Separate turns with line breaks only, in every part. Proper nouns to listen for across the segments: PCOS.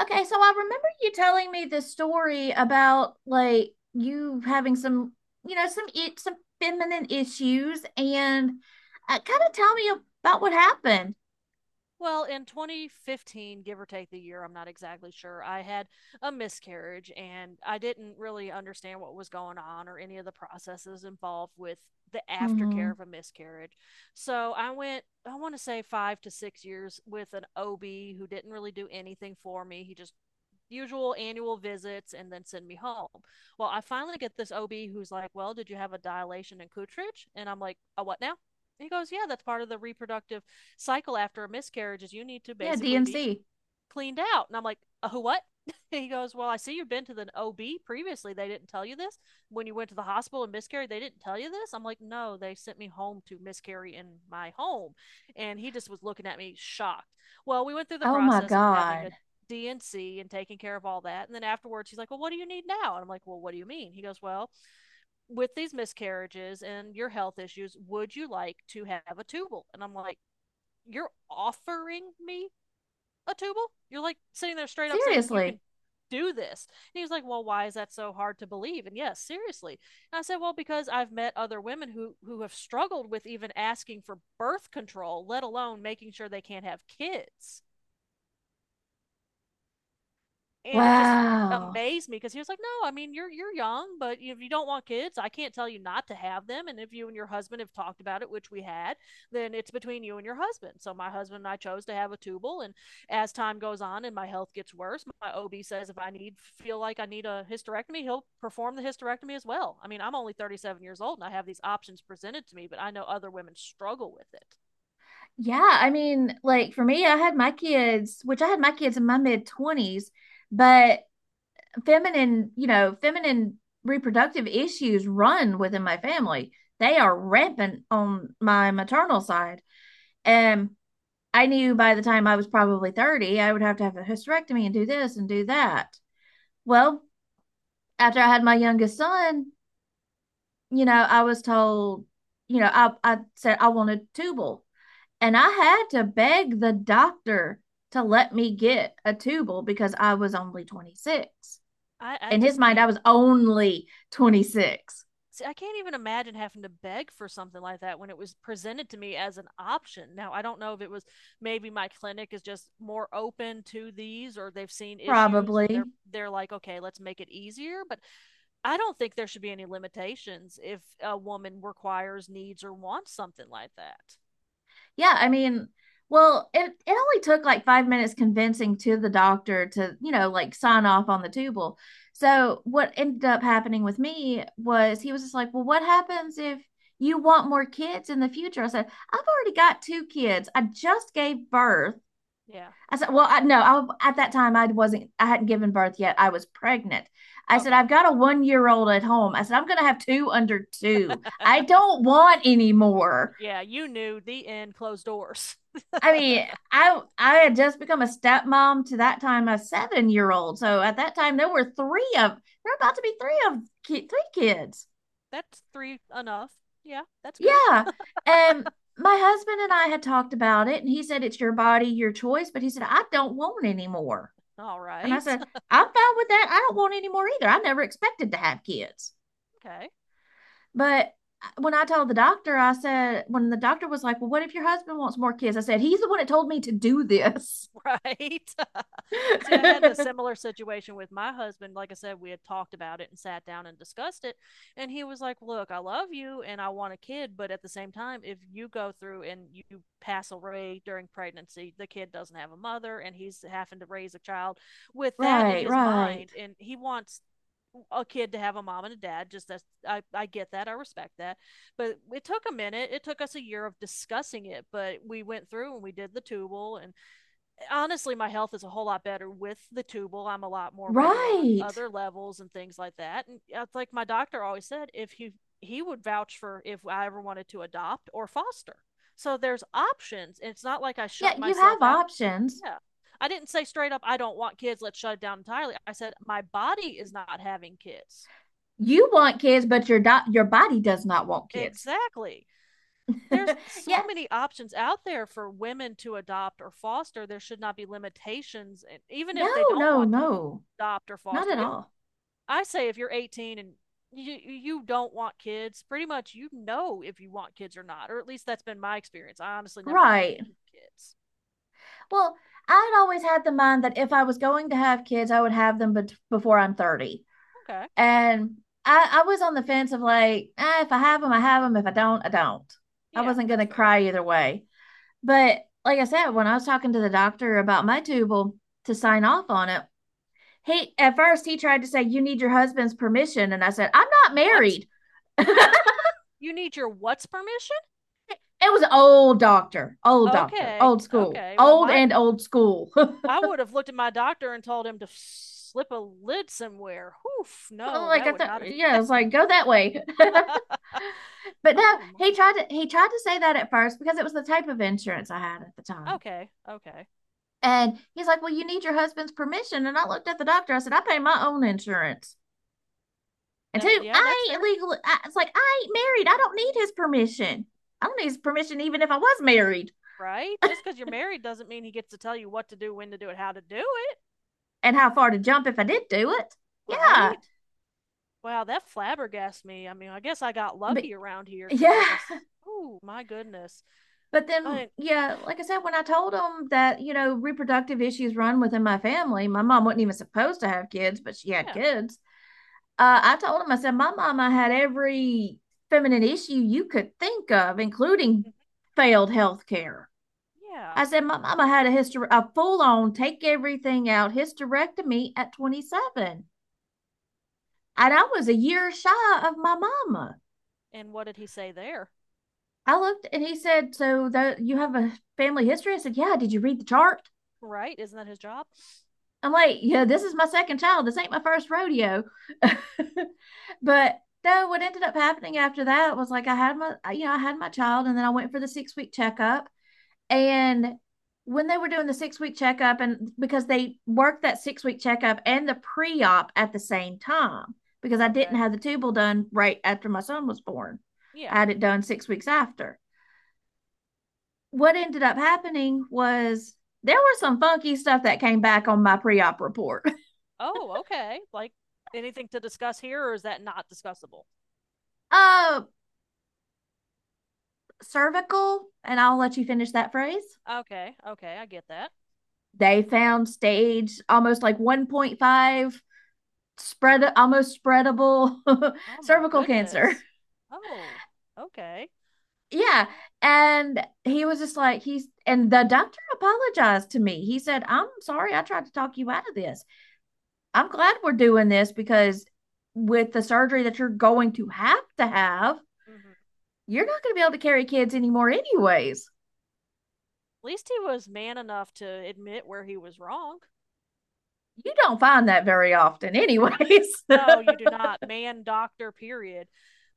Okay, so I remember you telling me this story about like you having some, you know, some I- some feminine issues, and kind of tell me about what happened.
Well, in 2015, give or take the year, I'm not exactly sure, I had a miscarriage and I didn't really understand what was going on or any of the processes involved with the aftercare
Hmm.
of a miscarriage. So I went, I want to say 5 to 6 years with an OB who didn't really do anything for me. He just usual annual visits and then send me home. Well, I finally get this OB who's like, well, did you have a dilation and Kutrich? And I'm like, a what now? And he goes, yeah, that's part of the reproductive cycle after a miscarriage is you need to
Yeah,
basically be
DNC.
cleaned out. And I'm like, oh, what? He goes, well, I see you've been to the OB previously. They didn't tell you this. When you went to the hospital and miscarried, they didn't tell you this. I'm like, no, they sent me home to miscarry in my home. And he just was looking at me shocked. Well, we went through the
Oh my
process of having
God.
a D and C and taking care of all that. And then afterwards, he's like, well, what do you need now? And I'm like, well, what do you mean? He goes, well, with these miscarriages and your health issues, would you like to have a tubal? And I'm like, you're offering me a tubal? You're like sitting there straight up saying you
Seriously.
can do this. And he was like, well, why is that so hard to believe? And yes, seriously. And I said, well, because I've met other women who have struggled with even asking for birth control, let alone making sure they can't have kids, and it just
Wow.
amazed me because he was like, "No, I mean you're young, but if you don't want kids, I can't tell you not to have them. And if you and your husband have talked about it, which we had, then it's between you and your husband." So my husband and I chose to have a tubal, and as time goes on and my health gets worse, my OB says if I need feel like I need a hysterectomy, he'll perform the hysterectomy as well. I mean, I'm only 37 years old and I have these options presented to me, but I know other women struggle with it.
Yeah, I mean, like for me, I had my kids, which I had my kids in my mid 20s, but feminine reproductive issues run within my family. They are rampant on my maternal side. And I knew by the time I was probably 30, I would have to have a hysterectomy and do this and do that. Well, after I had my youngest son, I was told, I said I wanted tubal. And I had to beg the doctor to let me get a tubal because I was only 26.
I
In his
just
mind, I
can't.
was only 26.
See, I can't even imagine having to beg for something like that when it was presented to me as an option. Now, I don't know if it was maybe my clinic is just more open to these or they've seen issues and they're
Probably.
they're like, "Okay, let's make it easier." But I don't think there should be any limitations if a woman requires, needs or wants something like that.
Yeah, I mean, well, it only took like 5 minutes convincing to the doctor to, like sign off on the tubal. So what ended up happening with me was he was just like, "Well, what happens if you want more kids in the future?" I said, "I've already got two kids. I just gave birth."
Yeah.
I said, "Well, I no, I at that time I hadn't given birth yet. I was pregnant." I said, "I've
Okay.
got a 1 year old at home." I said, "I'm gonna have two under two. I don't want any more."
Yeah, you knew the end closed doors.
I mean, I had just become a stepmom to that time a 7 year old. So at that time there were about to be three kids.
That's three enough. Yeah, that's good.
Yeah, and my husband and I had talked about it, and he said it's your body, your choice. But he said I don't want any more,
All
and I
right.
said I'm fine with that. I don't want any more either. I never expected to have kids,
Okay.
but when I told the doctor, I said when the doctor was like, "Well, what if your husband wants more kids?" I said he's the one that told me to do this.
Right? See, I had the similar situation with my husband. Like I said, we had talked about it and sat down and discussed it. And he was like, look, I love you and I want a kid. But at the same time, if you go through and you pass away during pregnancy, the kid doesn't have a mother and he's having to raise a child with that in
Right,
his
right,
mind. And he wants a kid to have a mom and a dad. Just that's, I get that. I respect that. But it took a minute. It took us a year of discussing it. But we went through and we did the tubal, and honestly my health is a whole lot better with the tubal. I'm a lot more regular on
right.
other levels and things like that. And yeah, it's like my doctor always said if he he would vouch for if I ever wanted to adopt or foster. So there's options. It's not like I
Yeah,
shut
you
myself
have
out.
options.
Yeah, I didn't say straight up I don't want kids, let's shut it down entirely. I said my body is not having kids.
You want kids, but your body does not want kids.
Exactly. There's
Yeah,
so many options out there for women to adopt or foster. There should not be limitations, and even if they
no,
don't
no,
want to
no,
adopt or
not
foster.
at
If
all.
I say if you're 18 and you don't want kids, pretty much you know if you want kids or not, or at least that's been my experience. I honestly never
Right.
wanted kids.
Well, I'd always had the mind that if I was going to have kids, I would have them bet before I'm 30.
Okay,
And I was on the fence of like, if I have them, I have them. If I don't, I don't. I
yeah,
wasn't going
that's
to
fair.
cry either way. But like I said, when I was talking to the doctor about my tubal to sign off on it, he at first he tried to say you need your husband's permission, and I said I'm not
What?
married. it
You need your what's permission?
was an old doctor, old doctor
Okay,
old school
okay. Well,
old
my
and old school like,
I would have looked at my doctor and told him to slip a lid somewhere. Oof, no,
I
that would
thought,
not have
yeah, it's
happened.
like go that way. but no,
Oh
he
my.
tried to he tried to say that at first because it was the type of insurance I had at the time.
Okay. Okay.
And he's like, "Well, you need your husband's permission." And I looked at the doctor. I said, "I pay my own insurance, and
That,
two,
yeah, that's
I ain't
fair,
legal. It's like I ain't married, I don't need his permission. I don't need his permission even if I was married,
right? Just because you're married doesn't mean he gets to tell you what to do, when to do it, how to do it,
and how far to jump if I did do it." Yeah.
right? Wow, that flabbergasted me. I mean, I guess I got
But
lucky around here because,
yeah.
like, I. s- Oh my goodness.
But then,
I
yeah, like I said, when I told them that, reproductive issues run within my family. My mom wasn't even supposed to have kids, but she had
yeah,
kids. I told him, I said, my mama had every feminine issue you could think of, including
mhm,
failed health care.
yeah.
I said, my mama had a a full on take everything out hysterectomy at 27. And I was a year shy of my mama.
And what did he say there?
I looked and he said, "So that you have a family history?" I said, "Yeah, did you read the chart?"
Right? Isn't that his job?
I'm like, "Yeah, this is my second child. This ain't my first rodeo." but no, what ended up happening after that was like I had my child, and then I went for the 6 week checkup. And when they were doing the 6 week checkup, and because they worked that 6 week checkup and the pre op at the same time, because I didn't
Okay.
have the tubal done right after my son was born.
Yeah.
I had it done 6 weeks after. What ended up happening was there was some funky stuff that came back on my pre-op report.
Oh, okay. Like, anything to discuss here, or is that not discussable?
Uh, Cervical, and I'll let you finish that phrase.
Okay. Okay, I get that.
They
Okay.
found stage almost like 1.5 spread, almost spreadable
Oh my
cervical cancer.
goodness. Oh, okay.
Yeah, and he was just like he's and the doctor apologized to me. He said, "I'm sorry, I tried to talk you out of this. I'm glad we're doing this because with the surgery that you're going to have,
Hmm.
you're not going to be able to carry kids anymore, anyways."
At least he was man enough to admit where he was wrong.
You don't find that very often, anyways.
No, you do not, man doctor, period.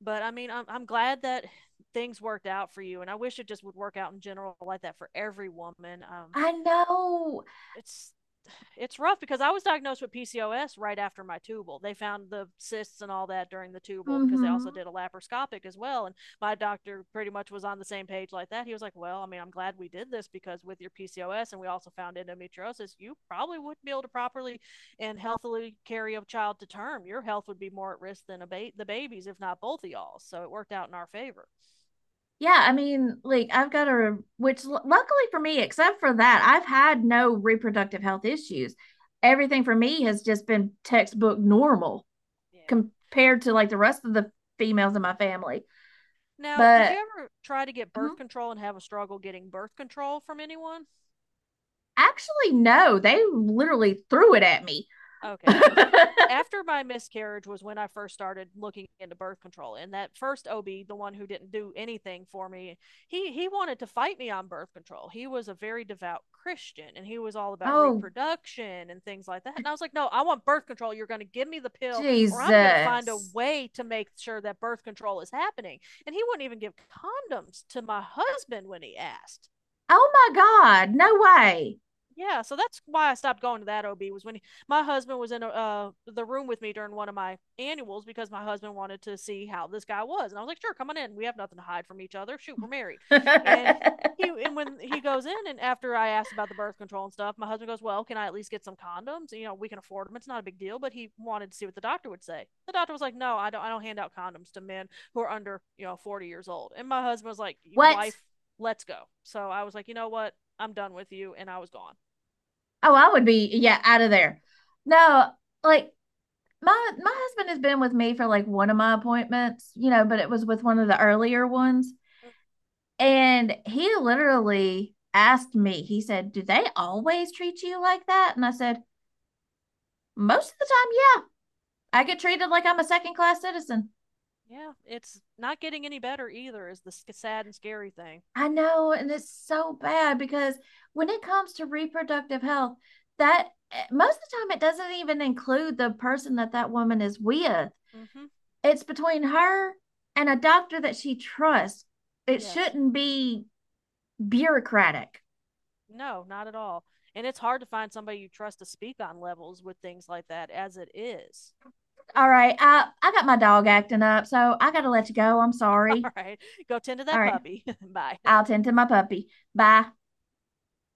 But I mean, I'm glad that things worked out for you, and I wish it just would work out in general like that for every woman.
I know.
It's it's rough because I was diagnosed with PCOS right after my tubal. They found the cysts and all that during the tubal because they
Hmm.
also did a laparoscopic as well. And my doctor pretty much was on the same page like that. He was like, well, I mean, I'm glad we did this because with your PCOS and we also found endometriosis, you probably wouldn't be able to properly and healthily carry a child to term. Your health would be more at risk than a the babies, if not both of y'all. So it worked out in our favor.
Yeah, I mean, like, which luckily for me, except for that, I've had no reproductive health issues. Everything for me has just been textbook normal
Yeah.
compared to like the rest of the females in my family.
Now, did you
But,
ever try to get
mhm.
birth control and have a struggle getting birth control from anyone?
Actually, no, they literally threw it at me.
Okay, because after my miscarriage was when I first started looking into birth control. And that first OB, the one who didn't do anything for me, he wanted to fight me on birth control. He was a very devout Christian and he was all about
Oh,
reproduction and things like that. And I was like, "No, I want birth control. You're going to give me the pill or I'm going to find a
Jesus.
way to make sure that birth control is happening." And he wouldn't even give condoms to my husband when he asked.
Oh my God, no way.
Yeah, so that's why I stopped going to that OB was when he, my husband was in a, the room with me during one of my annuals because my husband wanted to see how this guy was, and I was like, "Sure, come on in. We have nothing to hide from each other. Shoot, we're married." And he and when he goes in, and after I asked about the birth control and stuff, my husband goes, "Well, can I at least get some condoms? You know, we can afford them. It's not a big deal." But he wanted to see what the doctor would say. The doctor was like, "No, I don't. I don't hand out condoms to men who are under you know 40 years old." And my husband was like,
what?
"Wife, let's go." So I was like, "You know what? I'm done with you," and I was gone.
Oh, I would be, yeah, out of there. No, like my husband has been with me for like one of my appointments, but it was with one of the earlier ones.
Mm,
And he literally asked me. He said, "Do they always treat you like that?" And I said, "Most of the time, yeah. I get treated like I'm a second class citizen."
yeah, it's not getting any better either, is the sad and scary thing.
I know, and it's so bad because when it comes to reproductive health, most of the time it doesn't even include the person that that woman is with.
Mm-hmm.
It's between her and a doctor that she trusts. It
Yes.
shouldn't be bureaucratic.
No, not at all. And it's hard to find somebody you trust to speak on levels with things like that as it is.
All right, I got my dog acting up, so I got to let you go. I'm sorry.
All right. Go tend to
All
that
right,
puppy. Bye.
I'll tend to my puppy. Bye.